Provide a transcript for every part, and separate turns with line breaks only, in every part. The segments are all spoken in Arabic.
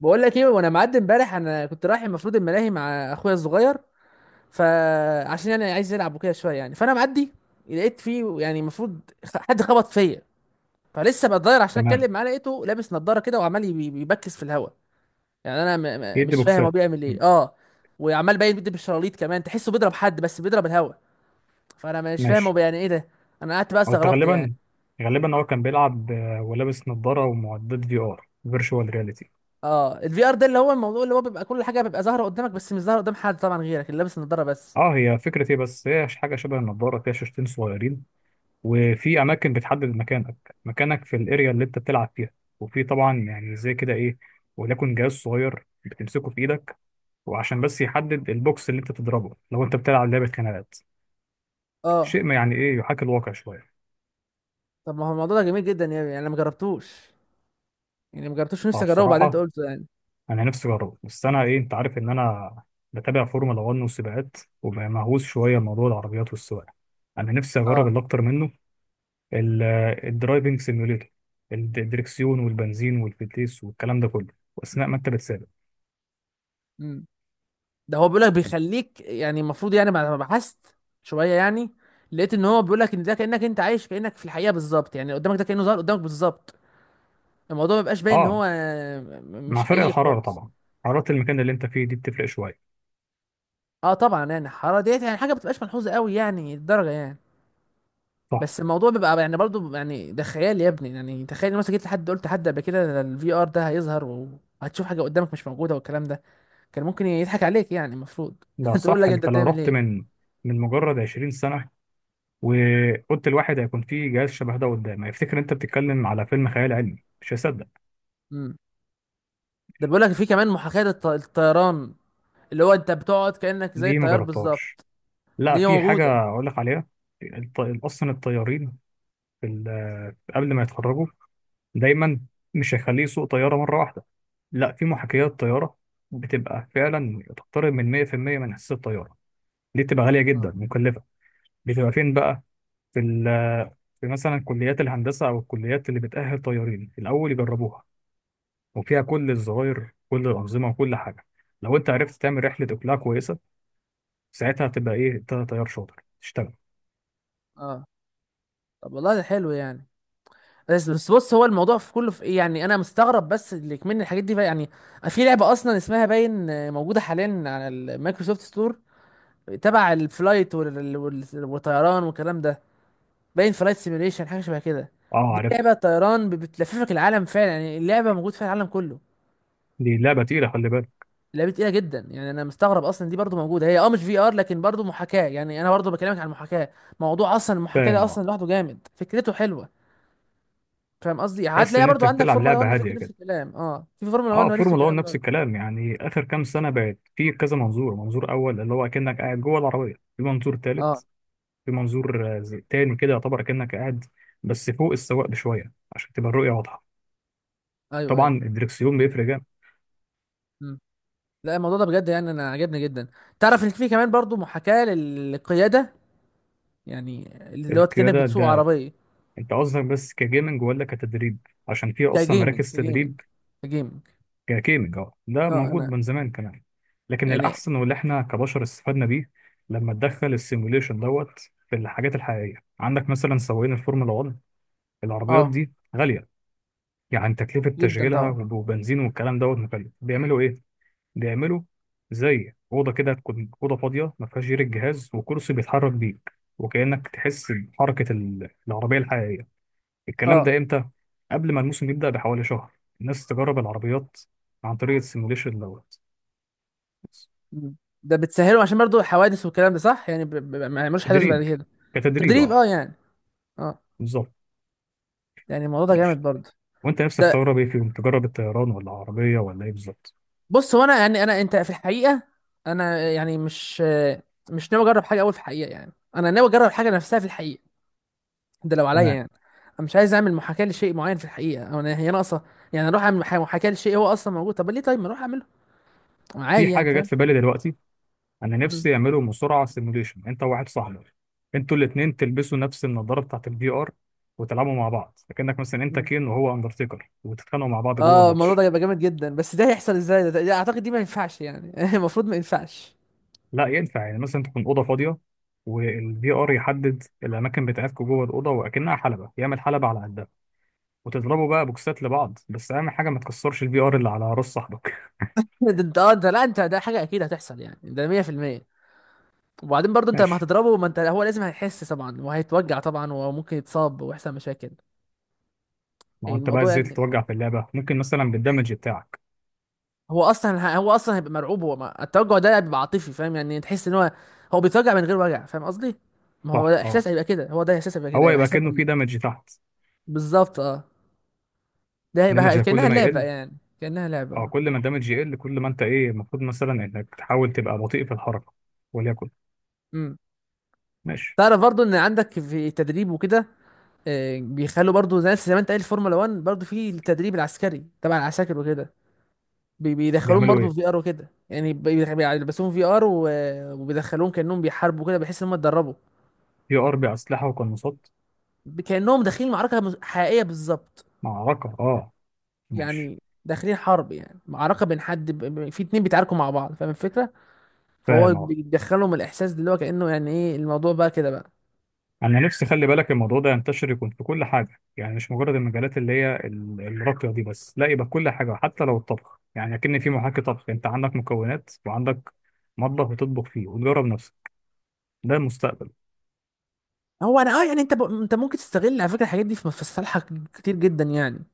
بقول لك ايه. وانا معدي امبارح انا كنت رايح المفروض الملاهي مع اخويا الصغير. فعشان يعني عايز يلعب وكده شويه يعني فانا معدي لقيت فيه يعني المفروض حد خبط فيا. فلسه بتضاير عشان
تمام.
اتكلم معاه لقيته لابس نظاره كده وعمال بيبكس في الهواء. يعني انا م م
يدي
مش فاهم هو
بوكسات
بيعمل
مم.
ايه اه. وعمال باين بيدي بالشراليط كمان تحسه بيضرب حد بس بيضرب الهواء. فانا مش فاهم
ماشي.
هو يعني ايه ده. انا قعدت بقى
هو أنت
استغربت يعني.
غالبا، هو كان بيلعب ولابس نظارة ومعدات في ار فيرتشوال رياليتي.
اه الفي ار ده اللي هو الموضوع اللي هو بيبقى كل حاجه بيبقى ظاهره قدامك بس مش ظاهره قدام حد طبعا غيرك اللي لابس النضاره بس.
اه، هي فكرة ايه، بس هي حاجة شبه النظارة فيها شاشتين صغيرين، وفي أماكن بتحدد مكانك في الأريا اللي أنت بتلعب فيها. وفي طبعا يعني زي كده إيه، وليكن جهاز صغير بتمسكه في إيدك، وعشان بس يحدد البوكس اللي أنت تضربه لو أنت بتلعب لعبة خناقات.
اه
شيء ما يعني إيه يحاكي الواقع شوية.
طب ما هو الموضوع ده جميل جدا يعني انا ما جربتوش. يعني ما جربتوش نفسي اجربه بعدين انت
فبصراحة
قلته يعني.
انا نفسي اجربه، بس انا ايه، انت عارف ان انا بتابع فورمولا 1 والسباقات، ومهووس شويه بموضوع العربيات والسواقه. انا نفسي اجرب
اه.
اللي اكتر منه ال- الدرايفنج سيميوليتور، الدركسيون والبنزين والفتيس والكلام ده كله، واثناء ما انت بتسابق.
امم ده هو بيقول لك بيخليك يعني المفروض يعني بعد ما بحثت شويه يعني لقيت ان هو بيقول لك ان ده كانك انت عايش كانك في الحقيقه بالظبط يعني قدامك ده كانه ظهر قدامك بالظبط. الموضوع ما بيبقاش باين ان
اه،
هو
مع
مش
فرق
حقيقي
الحراره
خالص.
طبعا، حراره المكان اللي انت فيه دي بتفرق شويه.
اه طبعا يعني الحراره ديت يعني حاجه ما بتبقاش ملحوظه قوي يعني الدرجه يعني.
صح.
بس الموضوع بيبقى يعني برضو يعني ده خيال يا ابني يعني تخيل إن مثلا جيت لحد قلت لحد قبل كده الفي ار ده هيظهر وهتشوف حاجه قدامك مش موجوده والكلام ده كان ممكن يضحك عليك يعني المفروض
لا
تقول
صح،
لك انت
انت لو
بتعمل
رحت
ايه.
من مجرد 20 سنه وقلت الواحد هيكون فيه جهاز شبه ده قدام، هيفتكر انت بتتكلم على فيلم خيال علمي، مش هيصدق.
امم ده بيقول لك في كمان محاكاة الطيران اللي هو انت بتقعد كأنك زي
دي ما
الطيار
جربتهاش.
بالظبط.
لا،
دي
في
موجودة.
حاجة أقول لك عليها. أصلا الطيارين في قبل ما يتخرجوا، دايما مش هيخليه يسوق طيارة مرة واحدة، لا، في محاكيات طيارة بتبقى فعلا تقترب من 100% من حصة الطيارة. دي بتبقى غالية جدا
اه
مكلفة. بتبقى فين بقى؟ في, ال- في مثلا كليات الهندسة أو الكليات اللي بتأهل طيارين الأول يجربوها، وفيها كل الزراير، كل الأنظمة وكل حاجة. لو أنت عرفت تعمل رحلة إقلاع كويسة، ساعتها هتبقى إيه، أنت طيار شاطر تشتغل.
اه طب والله ده حلو يعني. بس بس بص هو الموضوع في كله في ايه يعني انا مستغرب بس اللي كمان الحاجات دي بقى يعني. في لعبة اصلا اسمها باين موجودة حاليا على المايكروسوفت ستور تبع الفلايت والطيران والكلام ده. باين فلايت سيميوليشن حاجة شبه كده.
أه
دي
عارفها.
لعبة طيران بتلففك العالم فعلا يعني اللعبة موجود فيها العالم كله.
دي لعبة تقيلة، خلي بالك.
لعبه تقيله جدا يعني انا مستغرب اصلا دي برضو موجوده هي اه مش في ار لكن برضو محاكاه يعني انا برضو بكلمك عن المحاكاه. موضوع اصلا المحاكاه ده
فاهم،
اصلا
اه.
لوحده جامد فكرته حلوه. فاهم قصدي
تحس
هتلاقيها
ان انت
برضو عندك
بتلعب
فورمولا 1
لعبه
فكر
هاديه
نفس
كده.
الكلام اه في فورمولا 1
اه،
نفس
فورمولا 1
الكلام
نفس
برضو.
الكلام، يعني اخر كام سنه بقت في كذا منظور، منظور اول اللي هو اكنك قاعد جوه العربيه، في منظور
اه
ثالث، في منظور تاني كده يعتبر اكنك قاعد بس فوق السواق بشويه عشان تبقى الرؤيه واضحه.
ايوه
طبعا
ايوه
الدركسيون بيفرق جامد.
مم. لا الموضوع ده بجد يعني انا عجبني جدا. تعرف ان في كمان برضو محاكاه للقياده يعني اللي هو كانك
القياده
بتسوق
ده
عربيه.
انت قصدك بس كجيمنج ولا كتدريب؟ عشان في اصلا
كجيمنج
مراكز
كجيمنج
تدريب.
كجيمنج.
كجيمنج اه، ده
اه
موجود
انا
من زمان كمان. لكن
يعني.
الأحسن واللي احنا كبشر استفدنا بيه لما تدخل السيموليشن دوت، في الحاجات الحقيقية عندك مثلا سواقين الفورمولا 1، العربيات
اه.
دي غالية، يعني تكلفة
جدا
تشغيلها
طبعا.
وبنزين والكلام دوت مكلف. بيعملوا ايه؟ بيعملوا زي أوضة كده، تكون أوضة فاضية ما فيهاش غير الجهاز وكرسي بيتحرك بيك، وكأنك تحس بحركة العربية الحقيقية. الكلام
اه.
ده امتى؟ قبل ما الموسم يبدأ بحوالي شهر، الناس تجرب العربيات عن طريق السيموليشن دوت.
مم. ده بتسهله عشان برضو حوادث والكلام ده صح يعني ما يعملوش حدث بعد
تدريب،
كده.
كتدريب
تدريب
اه،
اه يعني. اه.
بالظبط.
يعني الموضوع ده جامد
ماشي،
برضو.
وانت نفسك
ده
تجرب ايه فيهم؟ تجرب الطيران ولا عربيه ولا ايه بالظبط؟
بص هو انا يعني انا انت في الحقيقه انا يعني مش ناوي اجرب حاجه اول في الحقيقه يعني انا ناوي اجرب حاجه نفسها في الحقيقه. ده لو عليا
تمام.
يعني. انا مش عايز اعمل محاكاه لشيء معين في الحقيقه او انا هي ناقصه. يعني اروح اعمل محاكاه لشيء هو اصلا موجود طب ليه طيب ما اروح اعمله.
في
عادي يعني
حاجه جت
فاهم.
في بالي دلوقتي، انا
مم.
نفسي يعملوا مصارعه سيموليشن، انت وواحد صاحبك، انتوا الاثنين تلبسوا نفس النضاره بتاعت الفي ار، وتلعبوا مع بعض، فكانك مثلا انت
مم.
كين وهو اندرتيكر وتتخانقوا مع بعض جوه
اه الموضوع ده
الماتش.
هيبقى جامد جدا بس ده هيحصل ازاي ده, اعتقد دي ما ينفعش يعني المفروض ما ينفعش.
لا ينفع، يعني مثلا تكون اوضه فاضيه، والفي ار يحدد الاماكن بتاعتكم جوه الاوضه، واكنها حلبه يعمل حلبه على قدها، وتضربوا بقى بوكسات لبعض، بس اهم حاجه ما تكسرش الفي ار اللي على راس صاحبك.
ده ده لا انت ده حاجه اكيد هتحصل يعني ده 100%. وبعدين برضه انت لما
ماشي.
هتضربه ما انت هو لازم هيحس طبعا وهيتوجع طبعا وممكن يتصاب ويحصل مشاكل.
ما هو
يعني
انت بقى
الموضوع
ازاي
يعني
تتوجع في اللعبه؟ ممكن مثلا بالدمج بتاعك.
هو اصلا هيبقى مرعوب هو التوجع ده بيبقى عاطفي فاهم يعني تحس ان هو هو بيتوجع من غير وجع فاهم قصدي. ما هو
صح
ده احساس
اه،
هيبقى كده هو ده احساس هيبقى كده
هو
هيبقى
يبقى
احساس
كأنه في
غريب.
دمج تحت.
بالظبط اه. ده
الدمج
هيبقى
ده كل
كانها
ما
لعبه
يقل،
يعني كانها لعبه
اه
اه.
كل ما الدمج يقل كل ما انت ايه، المفروض مثلا انك تحاول تبقى بطيء في الحركه، وليكن.
امم
ماشي.
تعرف برضه ان عندك في التدريب وكده بيخلوا برضو زي ما انت قايل الفورمولا 1 برضو في التدريب العسكري تبع العساكر وكده. بيدخلوهم
بيعملوا
برضو في
ايه؟
في ار وكده يعني بيلبسوهم في ار وبيدخلوهم كانهم بيحاربوا كده بحيث ان هم اتدربوا.
في ار باسلحه وقناصات.
كانهم داخلين معركه حقيقيه بالظبط.
معركه اه، ماشي.
يعني داخلين حرب يعني معركه بين حد في 2 بيتعاركوا مع بعض فاهم الفكره. فهو
فاهم.
بيدخلهم الاحساس ده اللي هو كانه يعني ايه الموضوع بقى كده بقى.
انا نفسي خلي بالك الموضوع ده ينتشر، يكون في كل حاجه، يعني مش مجرد المجالات اللي هي الراقيه دي بس، لا يبقى كل حاجه حتى لو الطبخ، يعني اكن في محاكي طبخ انت عندك مكونات، وعندك مطبخ بتطبخ فيه وتجرب نفسك. ده المستقبل.
هو انا اه يعني انت انت ممكن تستغل على فكره الحاجات دي في في صالحك كتير جدا يعني.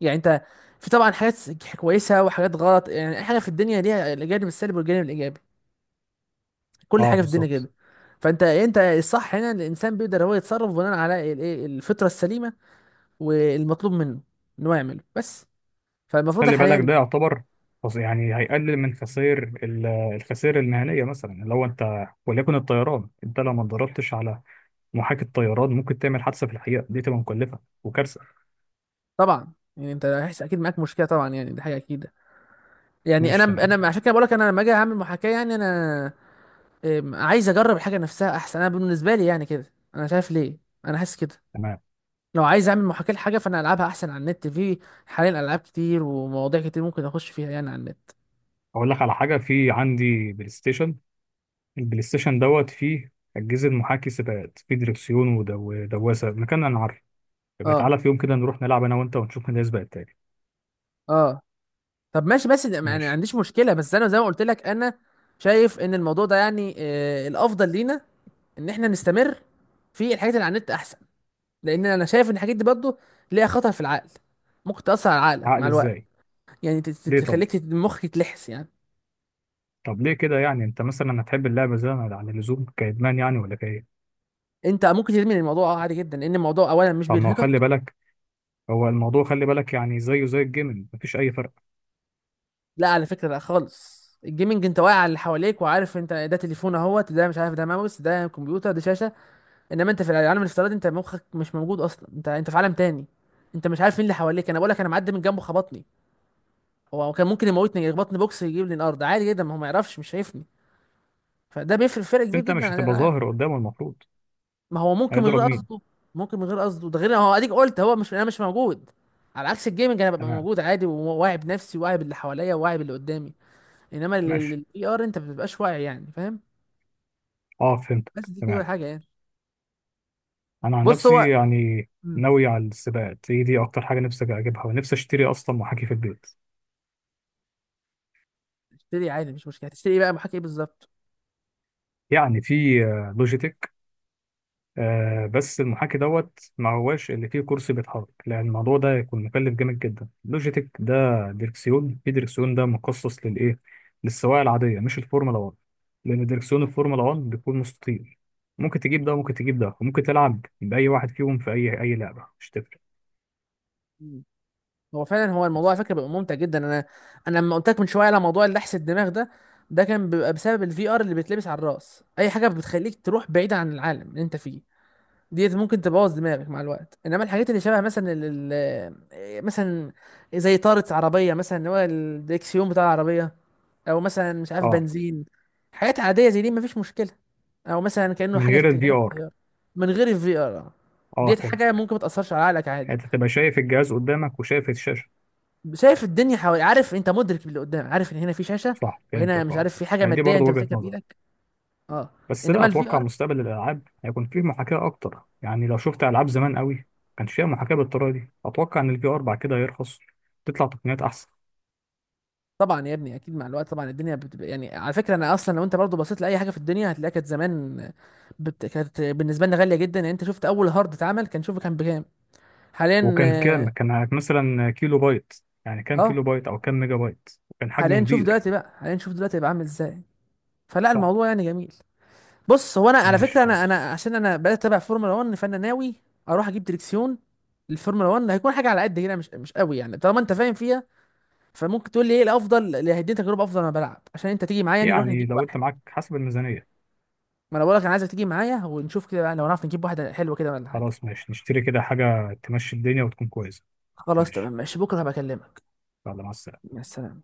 يعني انت في طبعا حاجات كويسه وحاجات غلط يعني اي حاجه في الدنيا ليها الجانب السلبي والجانب الايجابي. كل
اه
حاجه في الدنيا
بالظبط.
كده. فانت يعني انت الصح هنا ان الانسان بيقدر هو يتصرف بناء على الايه الفطره السليمه والمطلوب منه ان هو يعمله بس.
بس
فالمفروض
خلي بالك
حاليا.
ده يعتبر، يعني هيقلل من خسائر الخسائر المهنيه، مثلا لو انت وليكن الطيران، انت لو ما اتدربتش على محاكي الطيران ممكن تعمل حادثه في الحقيقه، دي تبقى مكلفه وكارثه.
طبعا يعني انت هيحس اكيد معاك مشكله طبعا يعني دي حاجه اكيده. يعني انا
ماشي
انا
تمام.
عشان كده بقول لك انا لما اجي اعمل محاكاه يعني انا عايز اجرب الحاجه نفسها احسن انا بالنسبه لي يعني كده انا شايف ليه. انا حاسس كده.
تمام،
لو عايز اعمل محاكاة لحاجة فانا العبها احسن على النت. في حاليا العاب كتير ومواضيع كتير ممكن اخش فيها يعني على النت.
اقول لك على حاجه، في عندي بلاي ستيشن، البلاي ستيشن دوت فيه أجهزة محاكي سباقات، فيه دريكسيون ودواسة، مكان أنا عارفه. يبقى
اه
تعالى في يوم كده نروح نلعب أنا وأنت، ونشوف مين هيسبق التاني.
اه طب ماشي بس يعني ما
ماشي.
عنديش مشكلة بس انا زي ما قلت لك انا شايف ان الموضوع ده يعني الافضل لينا ان احنا نستمر في الحاجات اللي على النت احسن. لان انا شايف ان الحاجات دي برضه ليها خطر في العقل ممكن تأثر على عقلك
عقل
مع الوقت.
إزاي؟
يعني
ليه طب؟
تخليك مخك يتلحس يعني.
طب ليه كده يعني؟ أنت مثلا هتحب اللعبة زي ما- عن اللزوم كإدمان يعني ولا كإيه؟
انت ممكن تدمن الموضوع اه عادي جدا لان الموضوع اولا مش
طب ما هو خلي
بيرهقك.
بالك، هو الموضوع خلي بالك يعني زيه زي الجيمنج، مفيش أي فرق.
لا على فكرة لا خالص. الجيمنج انت واقع على اللي حواليك وعارف انت ده تليفون اهوت ده مش عارف ده ماوس ده كمبيوتر ده شاشة. انما انت في العالم الافتراضي انت مخك مش موجود اصلا انت في عالم تاني. انت مش عارف مين اللي حواليك انا بقول لك انا معدي من جنبه خبطني. هو كان ممكن يموتني يخبطني بوكس يجيب لي الارض عادي جدا ما هو ما يعرفش مش شايفني. فده بيفرق فرق
بس
كبير
أنت
جدا
مش
عن
هتبقى
الالعاب.
ظاهر قدامه المفروض.
ما هو ممكن من
هيضرب
غير
مين؟
قصده. ممكن من غير قصده ده غير هو اديك قلت هو مش انا مش موجود. على عكس الجيمنج انا ببقى
تمام.
موجود عادي وواعي بنفسي وواعي باللي حواليا وواعي باللي قدامي. انما
ماشي،
الاي ار انت ما بتبقاش واعي يعني فاهم.
أه
بس
فهمتك
دي كده
تمام.
حاجه يعني.
أنا عن
بص
نفسي
هو
يعني
مم.
ناوي على السباقات، هي دي أكتر حاجة نفسي أجيبها، ونفسي أشتري أصلا محاكي في البيت.
اشتري عادي مش مشكله هتشتري إيه بقى محاكي ايه بالظبط؟
يعني في لوجيتك، بس المحاكي دوت ما هواش اللي فيه كرسي بيتحرك، لان الموضوع ده يكون مكلف جامد جدا. لوجيتك ده دركسيون، في دركسيون ده مخصص للايه؟ للسواقه العاديه مش الفورمولا 1، لان دركسيون الفورمولا 1 بيكون مستطيل. ممكن تجيب ده وممكن تجيب ده، وممكن تلعب باي واحد فيهم في اي لعبه، مش تفرق.
مم. هو فعلا هو الموضوع على
بس.
فكره بيبقى ممتع جدا انا. انا لما قلت لك من شويه على موضوع اللحس الدماغ ده ده كان بيبقى بسبب الفي ار اللي بيتلبس على الراس اي حاجه بتخليك تروح بعيد عن العالم اللي انت فيه ديت ممكن تبوظ دماغك مع الوقت. انما الحاجات اللي شبه مثلا ال ال- مثلا زي طارة عربية مثلا اللي هو الدريكسيون بتاع العربية او مثلا مش عارف
اه،
بنزين حاجات عادية زي دي مفيش مشكلة. او مثلا كأنه
من
حاجة
غير الفي
كأنك
ار.
طيارة من غير الفي ار.
اه
ديت حاجة
فهمتك.
ممكن ما تأثرش على عقلك عادي.
يعني انت تبقى شايف الجهاز قدامك وشايف الشاشه.
شايف الدنيا حوالي عارف انت مدرك اللي قدام عارف ان هنا في شاشة
صح،
وهنا
فهمتك
مش
اه.
عارف في حاجة
يعني دي
مادية
برضه
انت
وجهه
ماسكها
نظر،
بايدك. اه
بس لا،
انما الفي
اتوقع
ار.
مستقبل الالعاب هيكون فيه محاكاه اكتر، يعني لو شفت العاب زمان قوي ما كانش فيها محاكاه بالطريقه دي. اتوقع ان الفي ار بعد كده هيرخص، تطلع تقنيات احسن.
طبعا يا ابني اكيد مع الوقت طبعا الدنيا بتبقى يعني على فكره انا اصلا لو انت برضو بصيت لاي حاجه في الدنيا هتلاقيها كانت زمان كانت بالنسبه لنا غاليه جدا يعني انت شفت اول هارد اتعمل كان شوفه كان بكام حاليا.
وكان كام؟ كان مثلا كيلو بايت، يعني
اه
كام
آه،
كيلو بايت او كام ميجا بايت، وكان حجمه
حاليا شوف
كبير.
دلوقتي بقى عامل ازاي. فلا
صح.
الموضوع يعني جميل. بص هو انا على
ماشي
فكره انا
خلاص،
عشان انا بدات اتابع فورمولا 1 فانا ناوي اروح اجيب دريكسيون للفورمولا 1. هيكون حاجه على قد كده مش قوي يعني طالما انت فاهم فيها فممكن تقول لي ايه الافضل اللي هيديني تجربه افضل وانا بلعب عشان انت تيجي معايا يعني نروح
يعني
نجيب
لو انت
واحد.
معاك حسب الميزانيه.
ما انا بقولك انا عايزك تيجي معايا ونشوف كده بقى لو نعرف نجيب واحده حلوه كده ولا حاجه.
خلاص ماشي، نشتري كده حاجه تمشي الدنيا وتكون كويسه.
خلاص تمام
ماشي،
ماشي بكره هبقى اكلمك.
يلا مع السلامه.
مع السلامه.